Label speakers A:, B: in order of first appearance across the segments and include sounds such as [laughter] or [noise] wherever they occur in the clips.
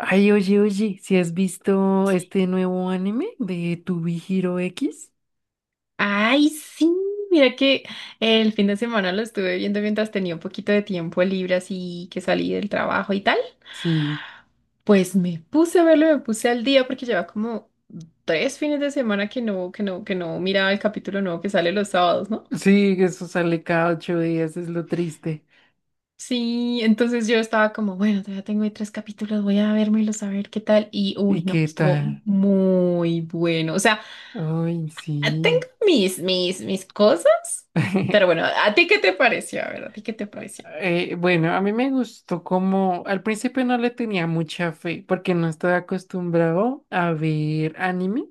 A: Ay, oye, ¿si has visto este nuevo anime de To Be Hero X?
B: Ay, sí, mira que el fin de semana lo estuve viendo mientras tenía un poquito de tiempo libre, así que salí del trabajo y tal.
A: Sí,
B: Pues me puse a verlo, me puse al día porque lleva como tres fines de semana que no, que no miraba el capítulo nuevo que sale los sábados, ¿no?
A: sí, eso sale cada 8 días, es lo triste.
B: Sí, entonces yo estaba como, bueno, todavía tengo ahí tres capítulos, voy a vérmelos a ver qué tal. Y
A: ¿Y
B: uy, no,
A: qué
B: estuvo
A: tal?
B: muy bueno. O sea,
A: Ay,
B: tengo
A: sí.
B: mis cosas, pero
A: [laughs]
B: bueno, ¿a ti qué te pareció? A ver, ¿a ti qué te pareció?
A: Bueno, a mí me gustó como al principio no le tenía mucha fe porque no estaba acostumbrado a ver anime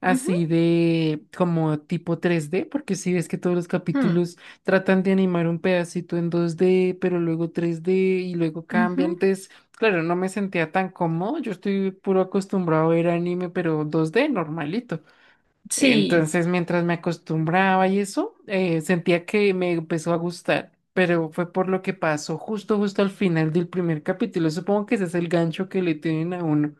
A: así de como tipo 3D, porque si ves que todos los
B: Hmm,
A: capítulos tratan de animar un pedacito en 2D, pero luego 3D y luego cambian.
B: ujú.
A: Entonces, claro, no me sentía tan cómodo. Yo estoy puro acostumbrado a ver anime, pero 2D normalito.
B: Sí,
A: Entonces, mientras me acostumbraba y eso, sentía que me empezó a gustar, pero fue por lo que pasó justo al final del primer capítulo. Supongo que ese es el gancho que le tienen a uno,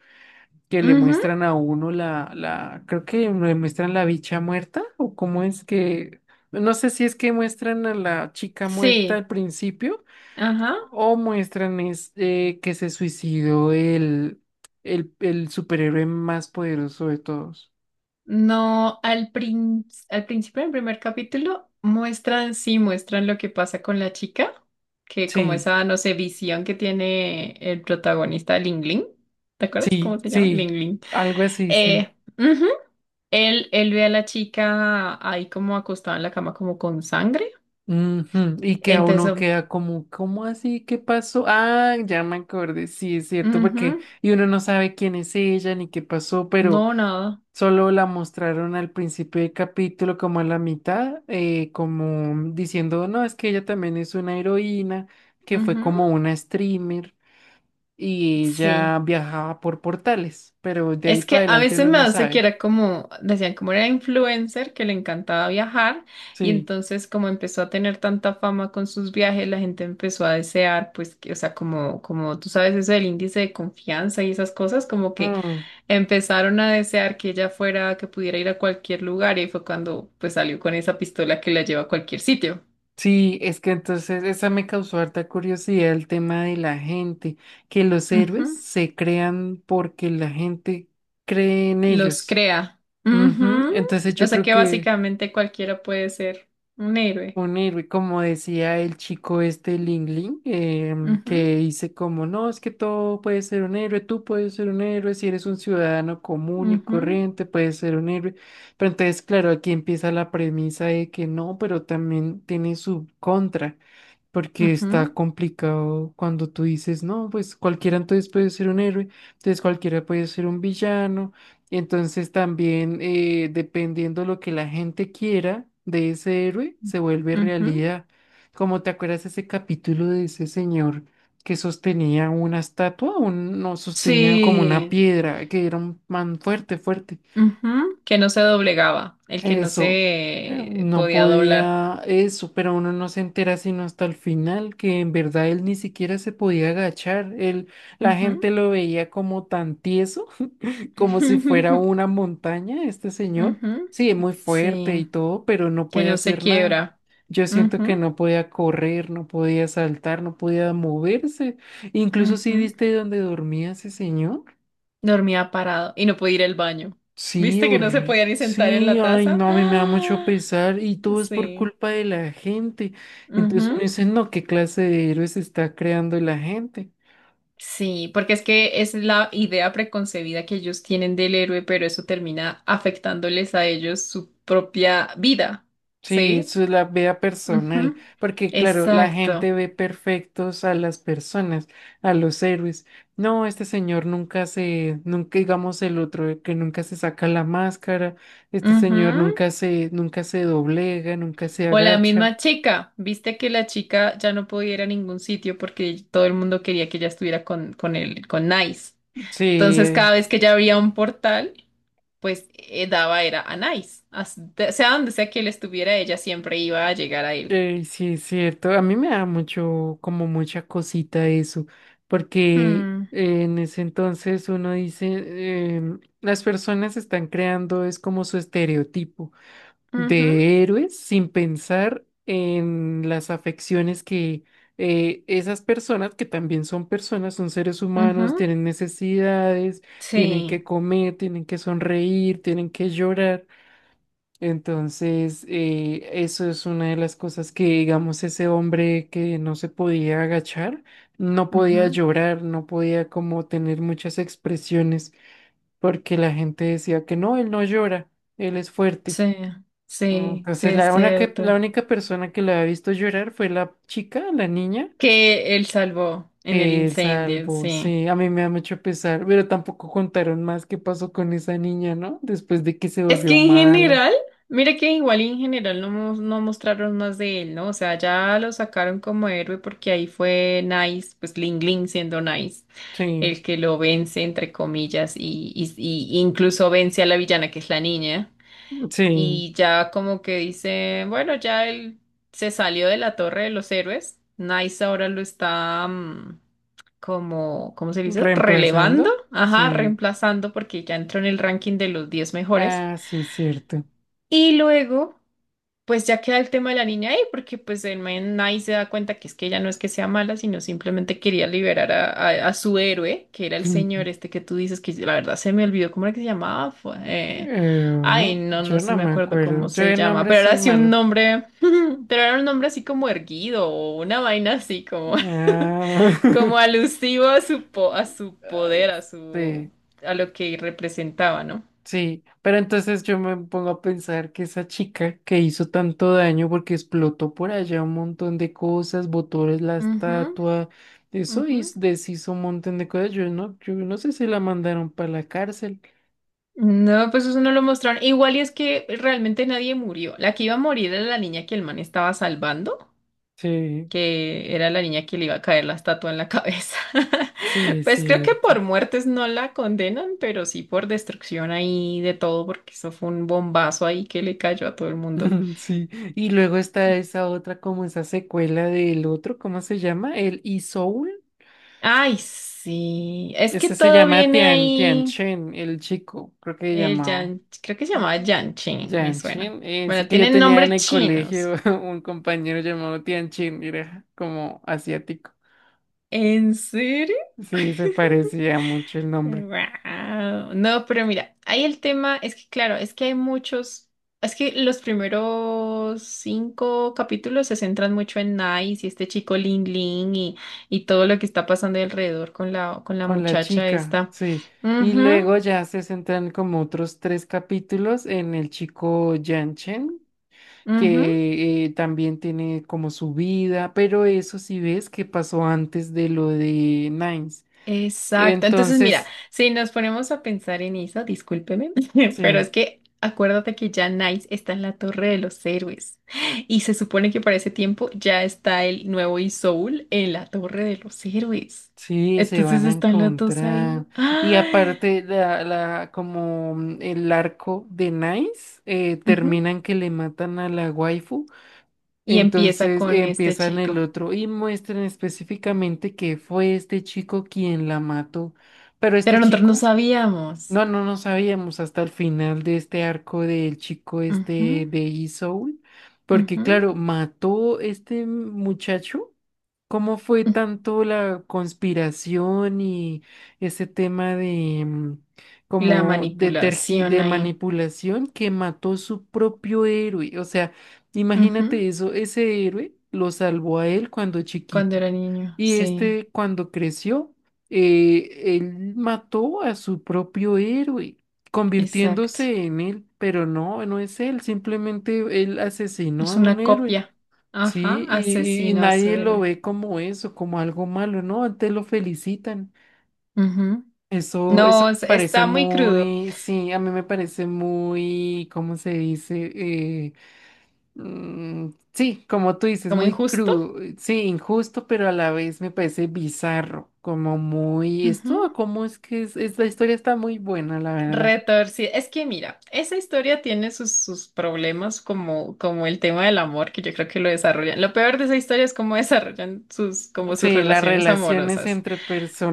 A: que le
B: ujú,
A: muestran a uno la, creo que le muestran la bicha muerta, o cómo es que, no sé si es que muestran a la chica muerta
B: sí,
A: al principio,
B: ajá.
A: o muestran es, que se suicidó el superhéroe más poderoso de todos.
B: No, al prin- al principio del primer capítulo muestran, sí, muestran lo que pasa con la chica, que como
A: Sí.
B: esa, no sé, visión que tiene el protagonista, Ling Ling, ¿te acuerdas cómo
A: Sí,
B: se llama? Ling
A: sí,
B: Ling.
A: algo así, sí.
B: Ujú. Él ve a la chica ahí como acostada en la cama como con sangre,
A: Ujú. Y que a uno
B: entonces,
A: queda como, ¿cómo así? ¿Qué pasó? Ah, ya me acordé, sí, es cierto,
B: ujú.
A: porque y uno no sabe quién es ella ni qué pasó, pero
B: No, nada,
A: solo la mostraron al principio del capítulo, como a la mitad, como diciendo, no, es que ella también es una heroína, que fue
B: ujú.
A: como una streamer y
B: Sí.
A: ella viajaba por portales, pero de ahí
B: Es
A: para
B: que a
A: adelante
B: veces
A: uno
B: me
A: no
B: hace que
A: sabe.
B: era como, decían como era influencer, que le encantaba viajar y
A: Sí.
B: entonces como empezó a tener tanta fama con sus viajes, la gente empezó a desear, pues, que, o sea, como, como tú sabes eso del índice de confianza y esas cosas, como que
A: Mm.
B: empezaron a desear que ella fuera, que pudiera ir a cualquier lugar y ahí fue cuando pues salió con esa pistola que la lleva a cualquier sitio.
A: Sí, es que entonces esa me causó harta curiosidad el tema de la gente, que los héroes
B: Ujú.
A: se crean porque la gente cree en
B: Los
A: ellos.
B: crea.
A: Ujú.
B: Ujú.
A: Entonces
B: O
A: yo
B: sea
A: creo
B: que
A: que
B: básicamente cualquiera puede ser un héroe.
A: un héroe, como decía el chico este Ling Ling,
B: Ujú,
A: que dice como, no, es que todo puede ser un héroe, tú puedes ser un héroe, si eres un ciudadano común y
B: ujú.
A: corriente, puedes ser un héroe. Pero entonces, claro, aquí empieza la premisa de que no, pero también tiene su contra. Porque está
B: Ujú,
A: complicado cuando tú dices, no, pues cualquiera entonces puede ser un héroe, entonces cualquiera puede ser un villano. Y entonces también dependiendo lo que la gente quiera de ese héroe, se vuelve
B: ujú.
A: realidad. Como te acuerdas ese capítulo de ese señor que sostenía una estatua, un, no, sostenía como una
B: Sí,
A: piedra, que era un man fuerte, fuerte.
B: ujú. Que no se doblegaba, el que no
A: Eso,
B: se
A: no
B: podía doblar.
A: podía eso, pero uno no se entera sino hasta el final, que en verdad él ni siquiera se podía agachar. Él, la
B: Ujú.
A: gente lo veía como tan tieso, [laughs] como si fuera
B: [laughs]
A: una montaña, este señor.
B: Ujú.
A: Sí, es muy fuerte
B: Sí,
A: y todo, pero no
B: que
A: podía
B: no se
A: hacer nada.
B: quiebra.
A: Yo siento que no podía correr, no podía saltar, no podía moverse.
B: Ujú,
A: Incluso si
B: ujú.
A: viste dónde dormía ese señor.
B: Dormía parado y no podía ir al baño.
A: Sí,
B: ¿Viste que no se podía
A: horrible.
B: ni sentar en
A: Sí,
B: la
A: ay,
B: taza? [gasps]
A: no, a mí me da mucho
B: ¡Ah!
A: pesar y todo es por
B: Sí.
A: culpa de la gente. Entonces uno dice, no, ¿qué clase de héroes está creando la gente?
B: Sí, porque es que es la idea preconcebida que ellos tienen del héroe, pero eso termina afectándoles a ellos su propia vida,
A: Sí,
B: ¿sí?
A: eso es la vea personal,
B: Ujú.
A: porque claro, la gente
B: Exacto.
A: ve perfectos a las personas, a los héroes. No, este señor nunca digamos el otro, el que nunca se saca la máscara, este señor
B: Ujú.
A: nunca se doblega, nunca se
B: O la
A: agacha.
B: misma chica, viste que la chica ya no podía ir a ningún sitio porque todo el mundo quería que ella estuviera con Nice.
A: Sí,
B: Entonces,
A: eh,
B: cada vez que ella abría un portal, pues daba era a Nice. Sea donde sea que él estuviera, ella siempre iba a llegar a él.
A: Sí, es cierto. A mí me da mucho, como mucha cosita eso, porque
B: Hmm,
A: en ese entonces uno dice, las personas están creando, es como su estereotipo
B: ujú.
A: de héroes sin pensar en las afecciones que esas personas, que también son personas, son seres humanos,
B: Ujú.
A: tienen necesidades, tienen que
B: Sí,
A: comer, tienen que sonreír, tienen que llorar. Entonces, eso es una de las cosas que, digamos, ese hombre que no se podía agachar, no podía
B: ujú.
A: llorar, no podía como tener muchas expresiones, porque la gente decía que no, él no llora, él es fuerte.
B: Sí, sí,
A: Entonces,
B: es
A: la única, la
B: cierto.
A: única persona que lo había visto llorar fue la chica, la niña,
B: Que él salvó en el
A: que él
B: incendio,
A: salvó.
B: sí.
A: Sí, a mí me da mucho pesar, pero tampoco contaron más qué pasó con esa niña, ¿no? Después de que se
B: Es
A: volvió
B: que en
A: mala.
B: general, mire que igual y en general no, no mostraron más de él, ¿no? O sea, ya lo sacaron como héroe porque ahí fue Nice, pues Ling Ling siendo Nice,
A: Sí,
B: el que lo vence, entre comillas, y, y incluso vence a la villana que es la niña.
A: sí.
B: Y ya como que dice, bueno, ya él se salió de la Torre de los Héroes. Nice ahora lo está como, ¿cómo se dice? Relevando,
A: ¿Reemplazando?
B: ajá,
A: Sí.
B: reemplazando porque ya entró en el ranking de los 10 mejores.
A: Ah, sí, cierto.
B: Y luego pues ya queda el tema de la niña ahí, porque pues el man ahí se da cuenta que es que ella no es que sea mala, sino simplemente quería liberar a, a su héroe, que era el señor
A: [laughs]
B: este que tú dices, que la verdad se me olvidó cómo era que se llamaba. Fue, ay,
A: Eh,
B: no, no
A: yo
B: se
A: no
B: me
A: me
B: acuerdo cómo
A: acuerdo. Yo
B: se
A: de
B: llama, pero
A: nombres
B: era
A: soy
B: así un
A: malo.
B: nombre, [laughs] pero era un nombre así como erguido o una vaina así como, [laughs]
A: Ah,
B: como
A: [laughs]
B: alusivo a su, a su
A: ay,
B: poder, a su,
A: sí,
B: a lo que representaba, ¿no?
A: sí. Pero entonces yo me pongo a pensar que esa chica que hizo tanto daño porque explotó por allá un montón de cosas, botó la
B: Ujú,
A: estatua, eso
B: ujú.
A: hiz- deshizo un montón de cosas. Yo no sé si la mandaron para la cárcel.
B: No, pues eso no lo mostraron. Igual y es que realmente nadie murió. La que iba a morir era la niña que el man estaba salvando,
A: Sí,
B: que era la niña que le iba a caer la estatua en la cabeza. [laughs]
A: sí, es
B: Pues creo que
A: cierto.
B: por muertes no la condenan, pero sí por destrucción ahí de todo, porque eso fue un bombazo ahí que le cayó a todo el mundo.
A: [laughs] Sí, y luego está esa otra, como esa secuela del otro, ¿cómo se llama? El Isoul.
B: Ay, sí. Es que
A: Este se
B: todo
A: llama
B: viene
A: Tian
B: ahí.
A: Chen, el chico, creo que se
B: El
A: llamaba.
B: Yan, creo que se llamaba Yan Chen, me
A: Tian
B: suena.
A: Chen. Es
B: Bueno,
A: que yo
B: tienen
A: tenía en
B: nombres
A: el colegio
B: chinos.
A: [laughs] un compañero llamado Tian Chen, era como asiático.
B: ¿En serio?
A: Sí, se parecía mucho el nombre.
B: Guau. No, pero mira, ahí el tema es que, claro, es que hay muchos, es que los primeros 5 capítulos se centran mucho en Nice y este chico Lin Lin y todo lo que está pasando alrededor con la
A: Con la
B: muchacha
A: chica,
B: esta.
A: sí. Y
B: Ujú,
A: luego ya se centran como otros 3 capítulos en el chico Yan Chen.
B: ujú.
A: Que también tiene como su vida, pero eso sí ves que pasó antes de lo de Nines.
B: Exacto. Entonces, mira,
A: Entonces,
B: si nos ponemos a pensar en eso, discúlpeme, [laughs] pero es
A: sí,
B: que acuérdate que ya Nice está en la Torre de los Héroes y se supone que para ese tiempo ya está el nuevo Isoul en la Torre de los Héroes.
A: sí, se
B: Entonces
A: van a
B: están los dos
A: encontrar.
B: ahí.
A: Y
B: ¡Ay!
A: aparte, la, como mm, el arco de Nines,
B: Ujú.
A: termina en que le matan a la waifu.
B: Y empieza
A: Entonces
B: con este
A: empiezan el
B: chico.
A: otro y muestran específicamente que fue este chico quien la mató. Pero
B: Pero
A: este
B: nosotros no
A: chico
B: sabíamos.
A: No sabíamos hasta el final de este arco del chico este
B: Ujú,
A: de E-Soul, porque
B: ujú.
A: claro, mató este muchacho. ¿Cómo fue tanto la conspiración y ese tema de mm,
B: La
A: como de tergi-
B: manipulación
A: de
B: ahí.
A: manipulación que mató su propio héroe? O sea,
B: Ujú.
A: imagínate eso, ese héroe lo salvó a él cuando
B: Cuando
A: chiquito
B: era niño,
A: y
B: sí,
A: este cuando creció él mató a su propio héroe,
B: exacto.
A: convirtiéndose en él, pero no, no es él, simplemente él asesinó
B: Es
A: a un
B: una
A: héroe,
B: copia.
A: ¿sí?
B: Ajá,
A: Y
B: asesino a su
A: nadie lo
B: héroe.
A: ve como eso, como algo malo, ¿no? Antes lo felicitan.
B: Ujú.
A: Eso,
B: No,
A: eso me parece
B: está muy crudo,
A: muy, sí, a mí me parece muy, ¿cómo se dice? Eh. Mm, sí, como tú dices,
B: como
A: muy
B: injusto.
A: crudo, sí, injusto, pero a la vez me parece bizarro, como muy, esto,
B: Ujú.
A: como es que es, esta historia está muy buena, la verdad.
B: Retorcido. Es que mira, esa historia tiene sus problemas como, como el tema del amor, que yo creo que lo desarrollan. Lo peor de esa historia es cómo [laughs] desarrollan sus, como sus
A: Sí, las
B: relaciones
A: relaciones
B: amorosas.
A: entre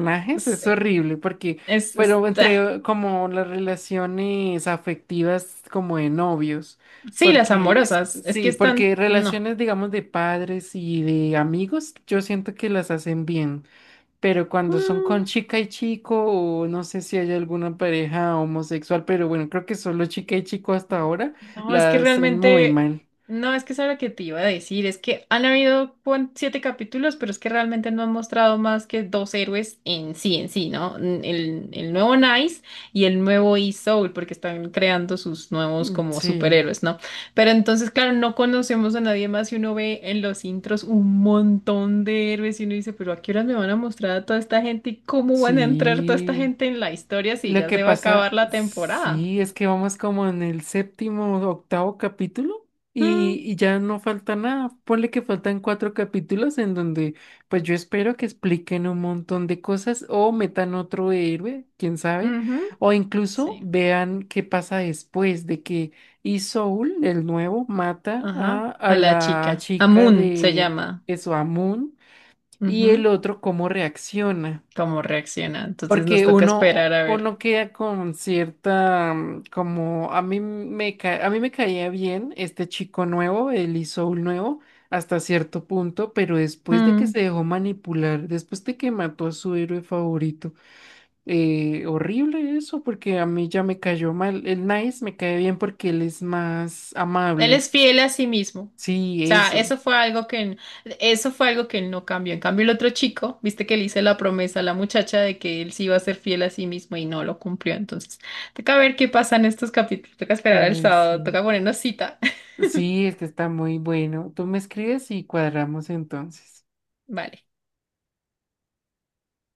B: Ah,
A: es
B: sí,
A: horrible, porque, pero
B: está.
A: entre como las relaciones afectivas como de novios,
B: Sí, las
A: porque es-
B: amorosas. Es que
A: sí,
B: están.
A: porque
B: No.
A: relaciones, digamos, de padres y de amigos, yo siento que las hacen bien. Pero cuando son
B: Mm,
A: con chica y chico, o no sé si hay alguna pareja homosexual, pero bueno, creo que solo chica y chico hasta ahora
B: No, es
A: la
B: que
A: hacen muy
B: realmente,
A: mal.
B: no, es que eso era lo que te iba a decir, es que han habido 7 capítulos, pero es que realmente no han mostrado más que dos héroes en sí, ¿no? El nuevo Nice y el nuevo E-Soul, porque están creando sus nuevos
A: Mm,
B: como
A: sí,
B: superhéroes, ¿no? Pero entonces, claro, no conocemos a nadie más y uno ve en los intros un montón de héroes y uno dice, pero ¿a qué horas me van a mostrar a toda esta gente y cómo van a entrar toda esta
A: sí.
B: gente en la historia si
A: Lo
B: ya
A: que
B: se va a acabar
A: pasa,
B: la temporada?
A: sí, es que vamos como en el séptimo, octavo capítulo y,
B: Mm,
A: y ya no falta nada. Ponle que faltan 4 capítulos en donde pues yo espero que expliquen un montón de cosas o metan otro héroe, quién sabe,
B: ujú,
A: o incluso
B: sí.
A: vean qué pasa después de que y el nuevo, mata
B: Ajá,
A: a
B: a la
A: la
B: chica.
A: chica
B: Amun se
A: de
B: llama.
A: Esoamun y
B: Ujú.
A: el otro cómo reacciona.
B: ¿Cómo reacciona? Entonces nos
A: Porque
B: toca esperar
A: uno,
B: a ver.
A: uno queda con cierta, mm, como a mí me ca- a mí me caía bien este chico nuevo, el Isoul nuevo, hasta cierto punto, pero después de que se
B: Mm.
A: dejó manipular, después de que mató a su héroe favorito, horrible eso, porque a mí ya me cayó mal. El Nice me cae bien porque él es más
B: Él
A: amable.
B: es fiel a sí mismo. O
A: Sí,
B: sea,
A: eso.
B: eso fue algo que, eso fue algo que él no cambió. En cambio, el otro chico, viste que le hice la promesa a la muchacha de que él sí iba a ser fiel a sí mismo y no lo cumplió. Entonces, toca ver qué pasa en estos capítulos. Toca esperar al sábado,
A: Sí,
B: toca ponernos cita. [laughs]
A: sí, este está muy bueno. Tú me escribes y cuadramos entonces.
B: Vale.